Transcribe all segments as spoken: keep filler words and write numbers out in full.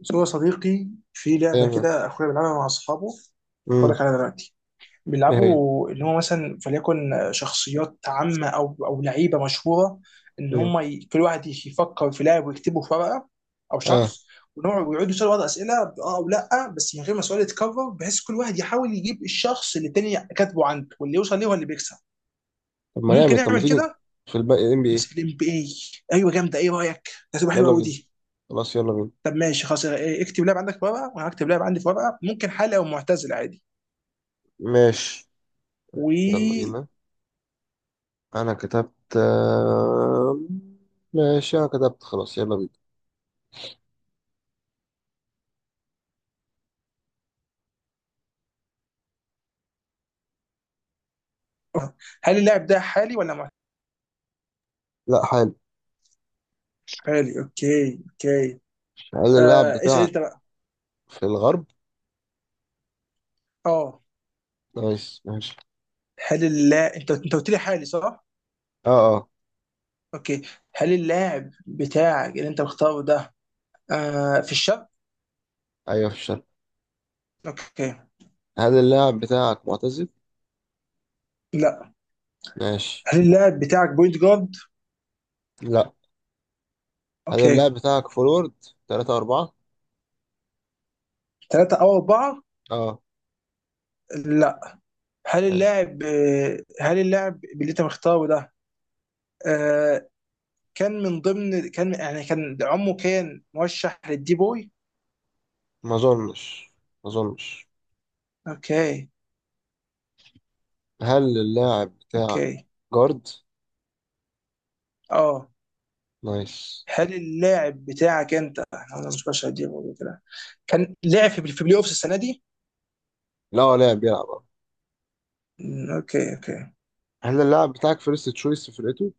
بس هو صديقي في لعبة تمام. كده أخويا بيلعبها مع أصحابه. هقول امم لك عليها دلوقتي. ايه هي؟ بيلعبوا اللي هو مثلا فليكن شخصيات عامة أو أو لعيبة مشهورة. إن امم هم ي... كل واحد يفكر في لاعب ويكتبه في ورقة أو اه. شخص، ونقعد ويقعدوا يسألوا بعض أسئلة بأه أو لأ، بس من غير ما السؤال يتكرر، بحيث كل واحد يحاول يجيب الشخص اللي التاني كاتبه عنده، واللي يوصل ليه هو اللي بيكسب. طب ما ممكن جامد، طب ما نعمل تيجي كده. في الباقي ام بي بس اي في الام بي اي. ايوه جامده، ايه رايك؟ ده تبقى حلوه يلا قوي بينا. دي. خلاص يلا بينا. طب ماشي خلاص إيه، اكتب لاعب عندك في ورقه وانا هكتب لاعب عندي في ورقه، ممكن حالي او معتزل عادي. ماشي يلا و بينا. انا كتبت آه، ماشي انا كتبت خلاص يلا بينا. هل اللاعب ده حالي ولا معتزل؟ لا حلو. حالي، اوكي اوكي. هل اللاعب آه، اسال بتاعك انت بقى. في الغرب؟ اه، نايس ماشي. هل اللاعب انت انت قلت لي حالي صح؟ اه اه. اوكي. هل اللاعب بتاعك اللي انت مختاره ده آه، في الشرق؟ ايوه في الشرق. اوكي. هل اللاعب بتاعك معتزل؟ لا. ماشي. هل اللاعب بتاعك بوينت جارد؟ لا. هل اوكي. اللاعب بتاعك فورورد تلاتة اربعة؟ ثلاثة او اربعة؟ اه. لا. هل ماشي. اللاعب آه، هل اللاعب اللي انت مختاره ده آه، كان من ضمن كان يعني كان عمه كان مرشح للدي بوي. ما اظنش ما اظنش. اوكي هل اللاعب بتاعك اوكي. جارد؟ اه، نايس. هل اللاعب بتاعك انت، انا مش مرشح للدي بوي كده. كان لعب في في بلاي اوفس السنه دي. لا هو لاعب بيلعب اه. أمم، اوكي اوكي. هل اللاعب بتاعك فيرست تشويس في فرقته؟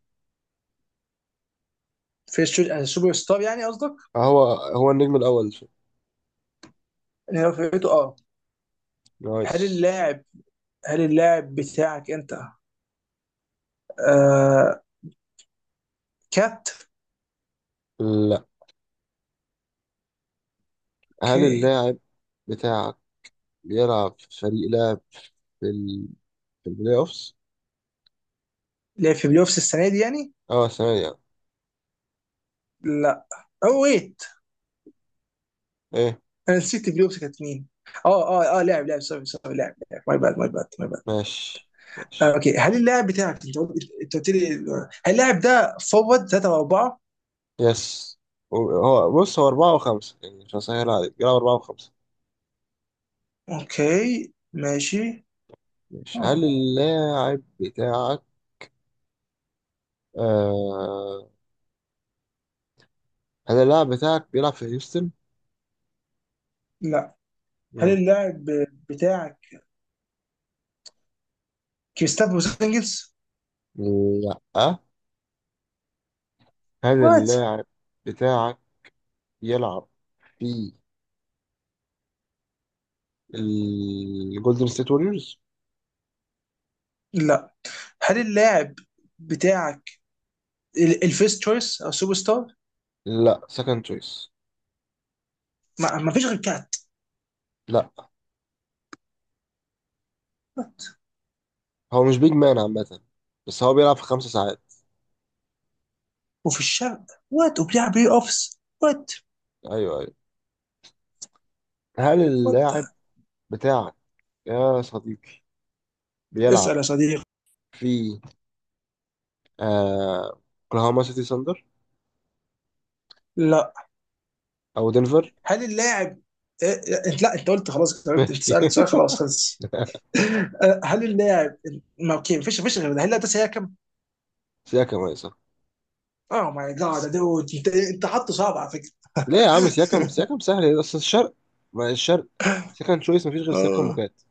في الشو- يعني السوبر ستار يعني قصدك؟ آه، هو هو النجم الأول في- اللي هو فرقته اه. نايس. هل اللاعب، هل اللاعب بتاعك انت آه، كات. لا. هل اوكي. اللاعب بتاعك بيلعب في فريق لاعب في ال... في البلاي أوفس؟ لعب في بلاي اوفس السنه دي يعني؟ اه ثانية. لا. او ويت، ايه؟ انا نسيت البلاي اوفس كانت مين. اه اه اه، لاعب لاعب سوري سوري لاعب لاعب ماي باد ماي باد ماي باد. ماشي آه، ماشي. اوكي. هل اللاعب بتاعك انت قلت انت قلت لي هل اللاعب ده فورورد ثلاثة وأربعة؟ يس. هو بص هو اربعة وخمسة، يعني مش هسهل عليك، بيلعب اربعة وخمسة. اوكي ماشي. ماشي. هل آه. اللاعب بتاعك آه... هل اللاعب بتاعك بيلعب في هيوستن؟ لا. هل مم. اللاعب بتاعك كريستافو سانجلز؟ لا. هل وات؟ اللاعب بتاعك يلعب في الجولدن ستيت ووريرز؟ لا. هل اللاعب بتاعك ال- الفيست تشويس او سوبر ستار؟ لا سكند تشويس. ما, ما فيش غير كات. لا وات؟ هو مش بيج مان عامة. بس هو بيلعب في خمس ساعات. وفي الشرق، وات، وبيلعب بلاي اوفس، وات ايوه ايوه. هل وات. اللاعب بتاعك يا صديقي بيلعب اسأل يا صديقي. في آه، اوكلاهوما سيتي ساندر لا. او دنفر؟ هل اللاعب إيه- إيه- لا، انت قلت خلاص جاوبت، انت ماشي. سالت سؤال خلاص خلص. آه، هل اللاعب. ما اوكي، مفيش مفيش غير ده، هل اللاعب ده سيهاكم؟ سياكم يا صاحبي. اوه ماي جاد دود، انت انت حاطه صعب على فكره. ليه يا عم سياكم سياكم سهل إيه؟ اصل الشرق، ما الشرق سكند تشويس مفيش غير سياكم اه وكات.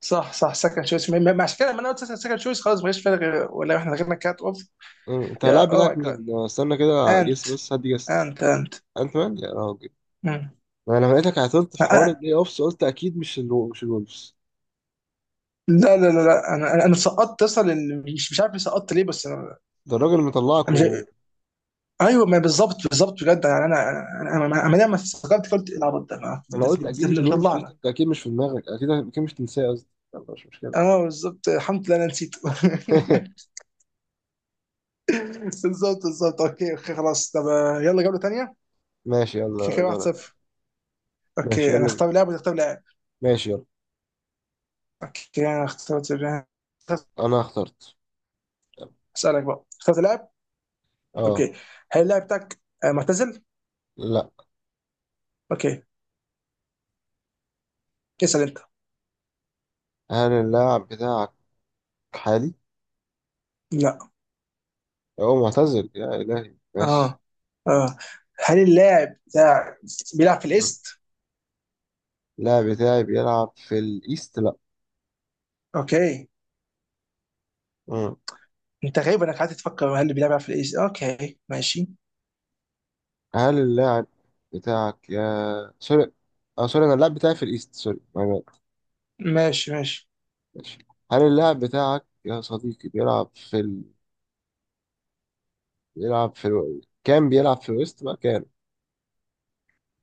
صح صح سكند شويس، ما ما- عشان كده لما انا قلت سكند شويس خلاص ما فيش فرق غير- ولا احنا غيرنا كات اوف. أمم، انت اللاعب يا اوه بتاعك ماي جاد، مين؟ استنى كده، انت جس بس، هدي جس. انت انت انت مان يا راجل. مم. ما انا لقيتك عطلت أ- في حوار أ- البلاي اوفس قلت اكيد مش الو... مش الولفز. لا لا لا لا انا انا أنا سقطت اصلا ال- مش مش عارف سقطت ليه، بس أنا- ده الراجل مطلعك أنا و... مش. ايوه ما بالظبط بالظبط بجد يعني انا انا انا انا أنا لما استغربت قلت إيه العبط ده، ما- انا ده في- قلت اكيد ده مش ده الولفز، قلت مطلعنا. انت اكيد مش في دماغك، اكيد اكيد مش تنساه قصدي. يلا مش مشكله. اه بالظبط الحمد لله انا نسيته. بالظبط بالظبط اوكي اوكي خلاص. طب آه، يلا جوله ثانيه. ماشي في يلا كده جوله تانية. واحد صفر. ماشي اوكي، انا يلا بينا. اختار لاعب ولا اختار لاعب؟ ماشي يلا. اوكي انا اخترت لاعب. انا اخترت. اسالك بقى، اخترت لاعب. اه. اوكي. هل اللاعب بتاعك آه، معتزل؟ لا. اوكي. اسال انت. هل اللاعب بتاعك حالي؟ لا. هو معتزل يا الهي ماشي. اه اه، هل اللاعب بتاعك بيلعب في مم. الايست؟ اللاعب بتاعي بيلعب في الايست لا. اوكي. مم. انت غريب انك قاعد تفكر هل اللاعب بيلعب في الايس. اوكي ماشي هل اللاعب بتاعك يا سوري، اه سوري، انا اللاعب بتاعي في الايست سوري. ماشي ماشي. ماشي. هل اللاعب بتاعك يا صديقي بيلعب في ال... بيلعب في ال... كان بيلعب في الويست بقى كان.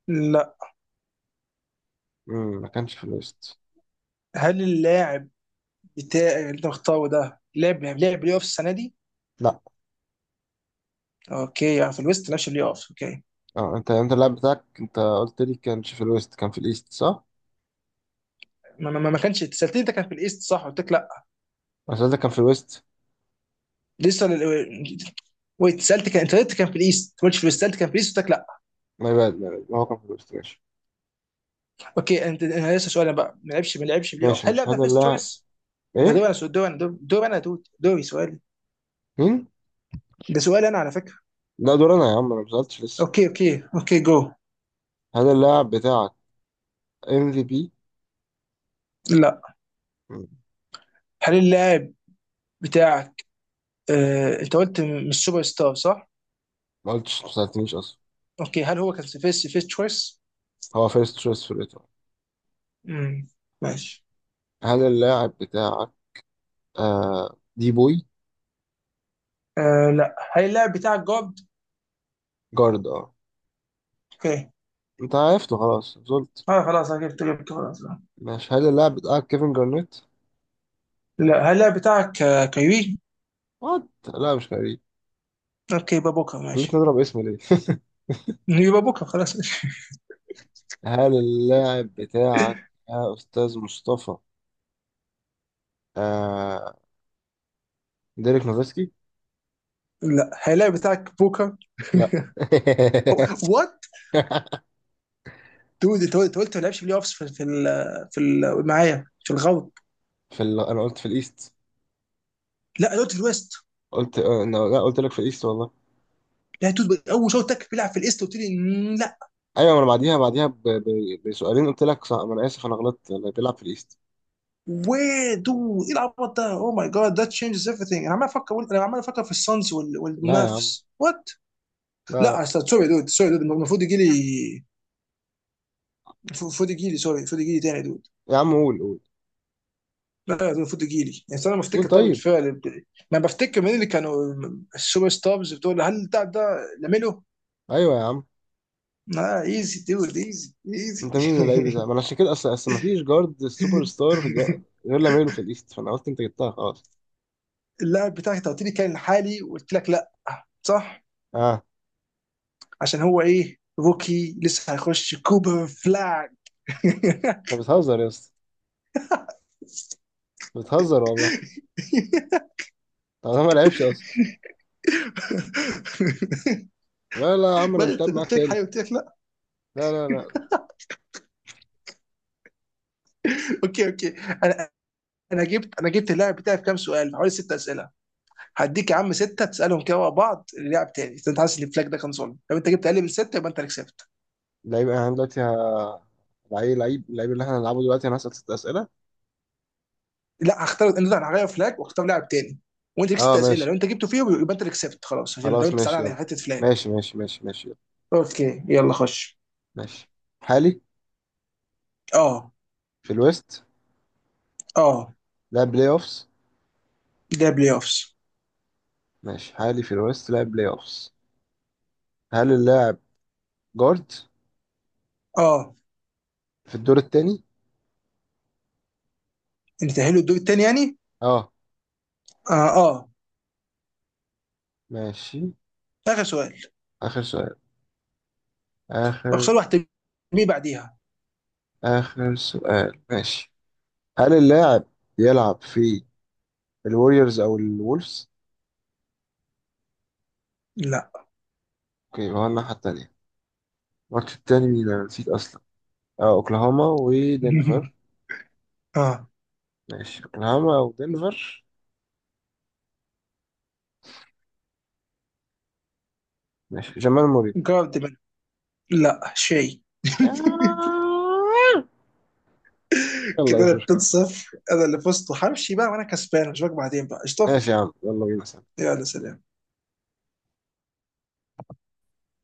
لا. مم. ما كانش في الويست. هل اللاعب بتاع اللي انت مختاره ده لعب يعني لعب بلاي اوف السنه دي؟ لا. اوكي يعني في الويست لعبش بلاي اوف، اوكي. اه، انت انت اللاعب بتاعك، انت قلت لي كانش في الويست كان في الايست صح؟ ما, ما, ما كانش سالتني انت كان في الايست صح؟ قلت لك لا. انا سألتك كان في الويست. لسه ال- ويت، سالت كان انت قلت كان في الايست، ما قلتش في الويست. سالت كان في الايست قلت لك لا. ما يبان ما يبان. هو كان في الويست. ماشي. اوكي انت، انا لسه سؤال بقى، ما لعبش ما لعبش بلاي اوف، ماشي هل ماشي. اللاعب ده هل فيست اللاعب. تشويس؟ ده دور ايه؟ انا سؤال- دور انا دور دور انا دور دوري سؤالي. مين؟ ده سؤال انا على فكره. لا دور انا يا عم، انا ما سألتش لسه. اوكي اوكي اوكي جو. هل اللاعب بتاعك ام في بي؟ لا. هل اللاعب بتاعك آه، انت قلت م- مش سوبر ستار صح؟ ما قلتش، ما سألتنيش اصلا. اوكي. هل هو كان فيرست فيرست تشويس؟ هو فيرست تشويس في الإيطالي. امم ماشي. هل اللاعب بتاعك آه دي بوي؟ آه لا. هل اللاعب بتاعك جارد؟ جارد. اه. اوكي. انت عرفته خلاص زولت. اه خلاص أنا جبت جبت خلاص لا. ماشي. هل اللاعب بتاعك كيفن جارنيت؟ لا، هل اللاعب بتاعك آه، كيوي؟ وات. لا مش غريب. اوكي يبقى بوكر خليتني ماشي. اضرب اسم ليه. يبقى بوكر خلاص. ماشي. هل اللاعب بتاعك يا استاذ مصطفى آه ديريك نوفسكي؟ لا. هل اللاعب بتاعك بوكر؟ لا. وات؟ دود انت قلت أنت قلت ما لعبش بلاي اوفس في في ال- في ال- معايا في الغرب. في ال... انا قلت في الايست. لا أنا قلت في الويست. قلت آه، لا لا، قلت لك في الايست والله. لا دود اول شوط تك بيلعب في الايست قلت لي. لا. ايوه ما انا بعديها بعديها ب... ب... بسؤالين قلت لك صح. ما انا اسف، انا غلطت، اللي بيلعب في الايست. وي دو، ايه العبط ده، اوه ماي جاد ذات تشينجز ايفريثينج، انا عمال افكر انا عمال افكر في السانز وال- لا يا عم. والمافس وات. لا لا لا سوري دود سوري دود، المفروض يجي لي، المفروض يجي لي سوري، المفروض يجي لي تاني دود. يا عم. قول قول. لا يا دود المفروض يجي لي يعني انا قول بفتكر طب طيب. الفعل بتاعي. ما بفتكر مين اللي كانوا السوبر ستارز بتوع، هل ده ده لاميلو؟ ايوه يا عم. لا ايزي دود ايزي ايزي. انت مين اللعيب ده؟ ما انا عشان كده، اصل اصل ما فيش جارد سوبر ستار جا- غير لاميلو في الايست فانا قلت انت جبتها خلاص. اللاعب بتاعك انت قلت لي كان حالي وقلت لك لا، صح؟ اه. عشان هو ايه روكي لسه هيخش كوبر فلاج. انت بتهزر يا اسطى. بتهزر والله. طب انا ما لعبش اصلا. لا لا يا عم، انا مش بدأت لاعب معاك قلت لك حاجه تاني. قلت لك لا. لا لا لا. اوكي اوكي. انا انا جبت انا جبت اللاعب بتاعي في كام سؤال، في حوالي ست أسئلة. هديك يا عم ستة تسالهم كده ورا بعض للاعب تاني، إذا انت حاسس ان الفلاج ده كان ظلم. لو انت جبت اقل من ستة يبقى انت اللي كسبت. لعيب انا دلوقتي ه... لعيب لعيب اللعيب اللي احنا هنلعبه دلوقتي، انا هسأل ست اسئله. لا هختار، انت هغير فلاج واختار لاعب تاني، وانت ليك ست اه اسئله ماشي. لو انت جبته فيهم يبقى انت اللي كسبت خلاص، عشان لو خلاص انت زعلان ماشي على يلا. حته فلاج. ماشي ماشي ماشي ماشي يلا. اوكي يلا خش. ماشي حالي اه. في الويست اه. لاعب بلاي اوفس. ده بلاي اوفس. ماشي حالي في الويست لاعب بلاي اوفس. هل اللاعب جارد اه، في الدور التاني؟ انت تاهلوا الدور التاني يعني؟ اه اه اه. ماشي. اخر سؤال. اخر سؤال. آخر. اخسر واحد تجميع بعديها. آخر سؤال ماشي. هل اللاعب يلعب في الوريورز أو الولفز؟ لا. أوكي هو الناحية التانية. الماتش التاني مين، أنا نسيت أصلا. آه أوكلاهوما ودنفر. اه ماشي أوكلاهوما أو دنفر. ماشي جمال موري. جاردمان. لا شيء. يلا. كده مش انا 2 مشكلة. 0 انا اللي فزت وهمشي بقى وانا كسبان، اشوفك بعدين بقى قشطه. ماشي يا عم يلا بينا. يلا سلام.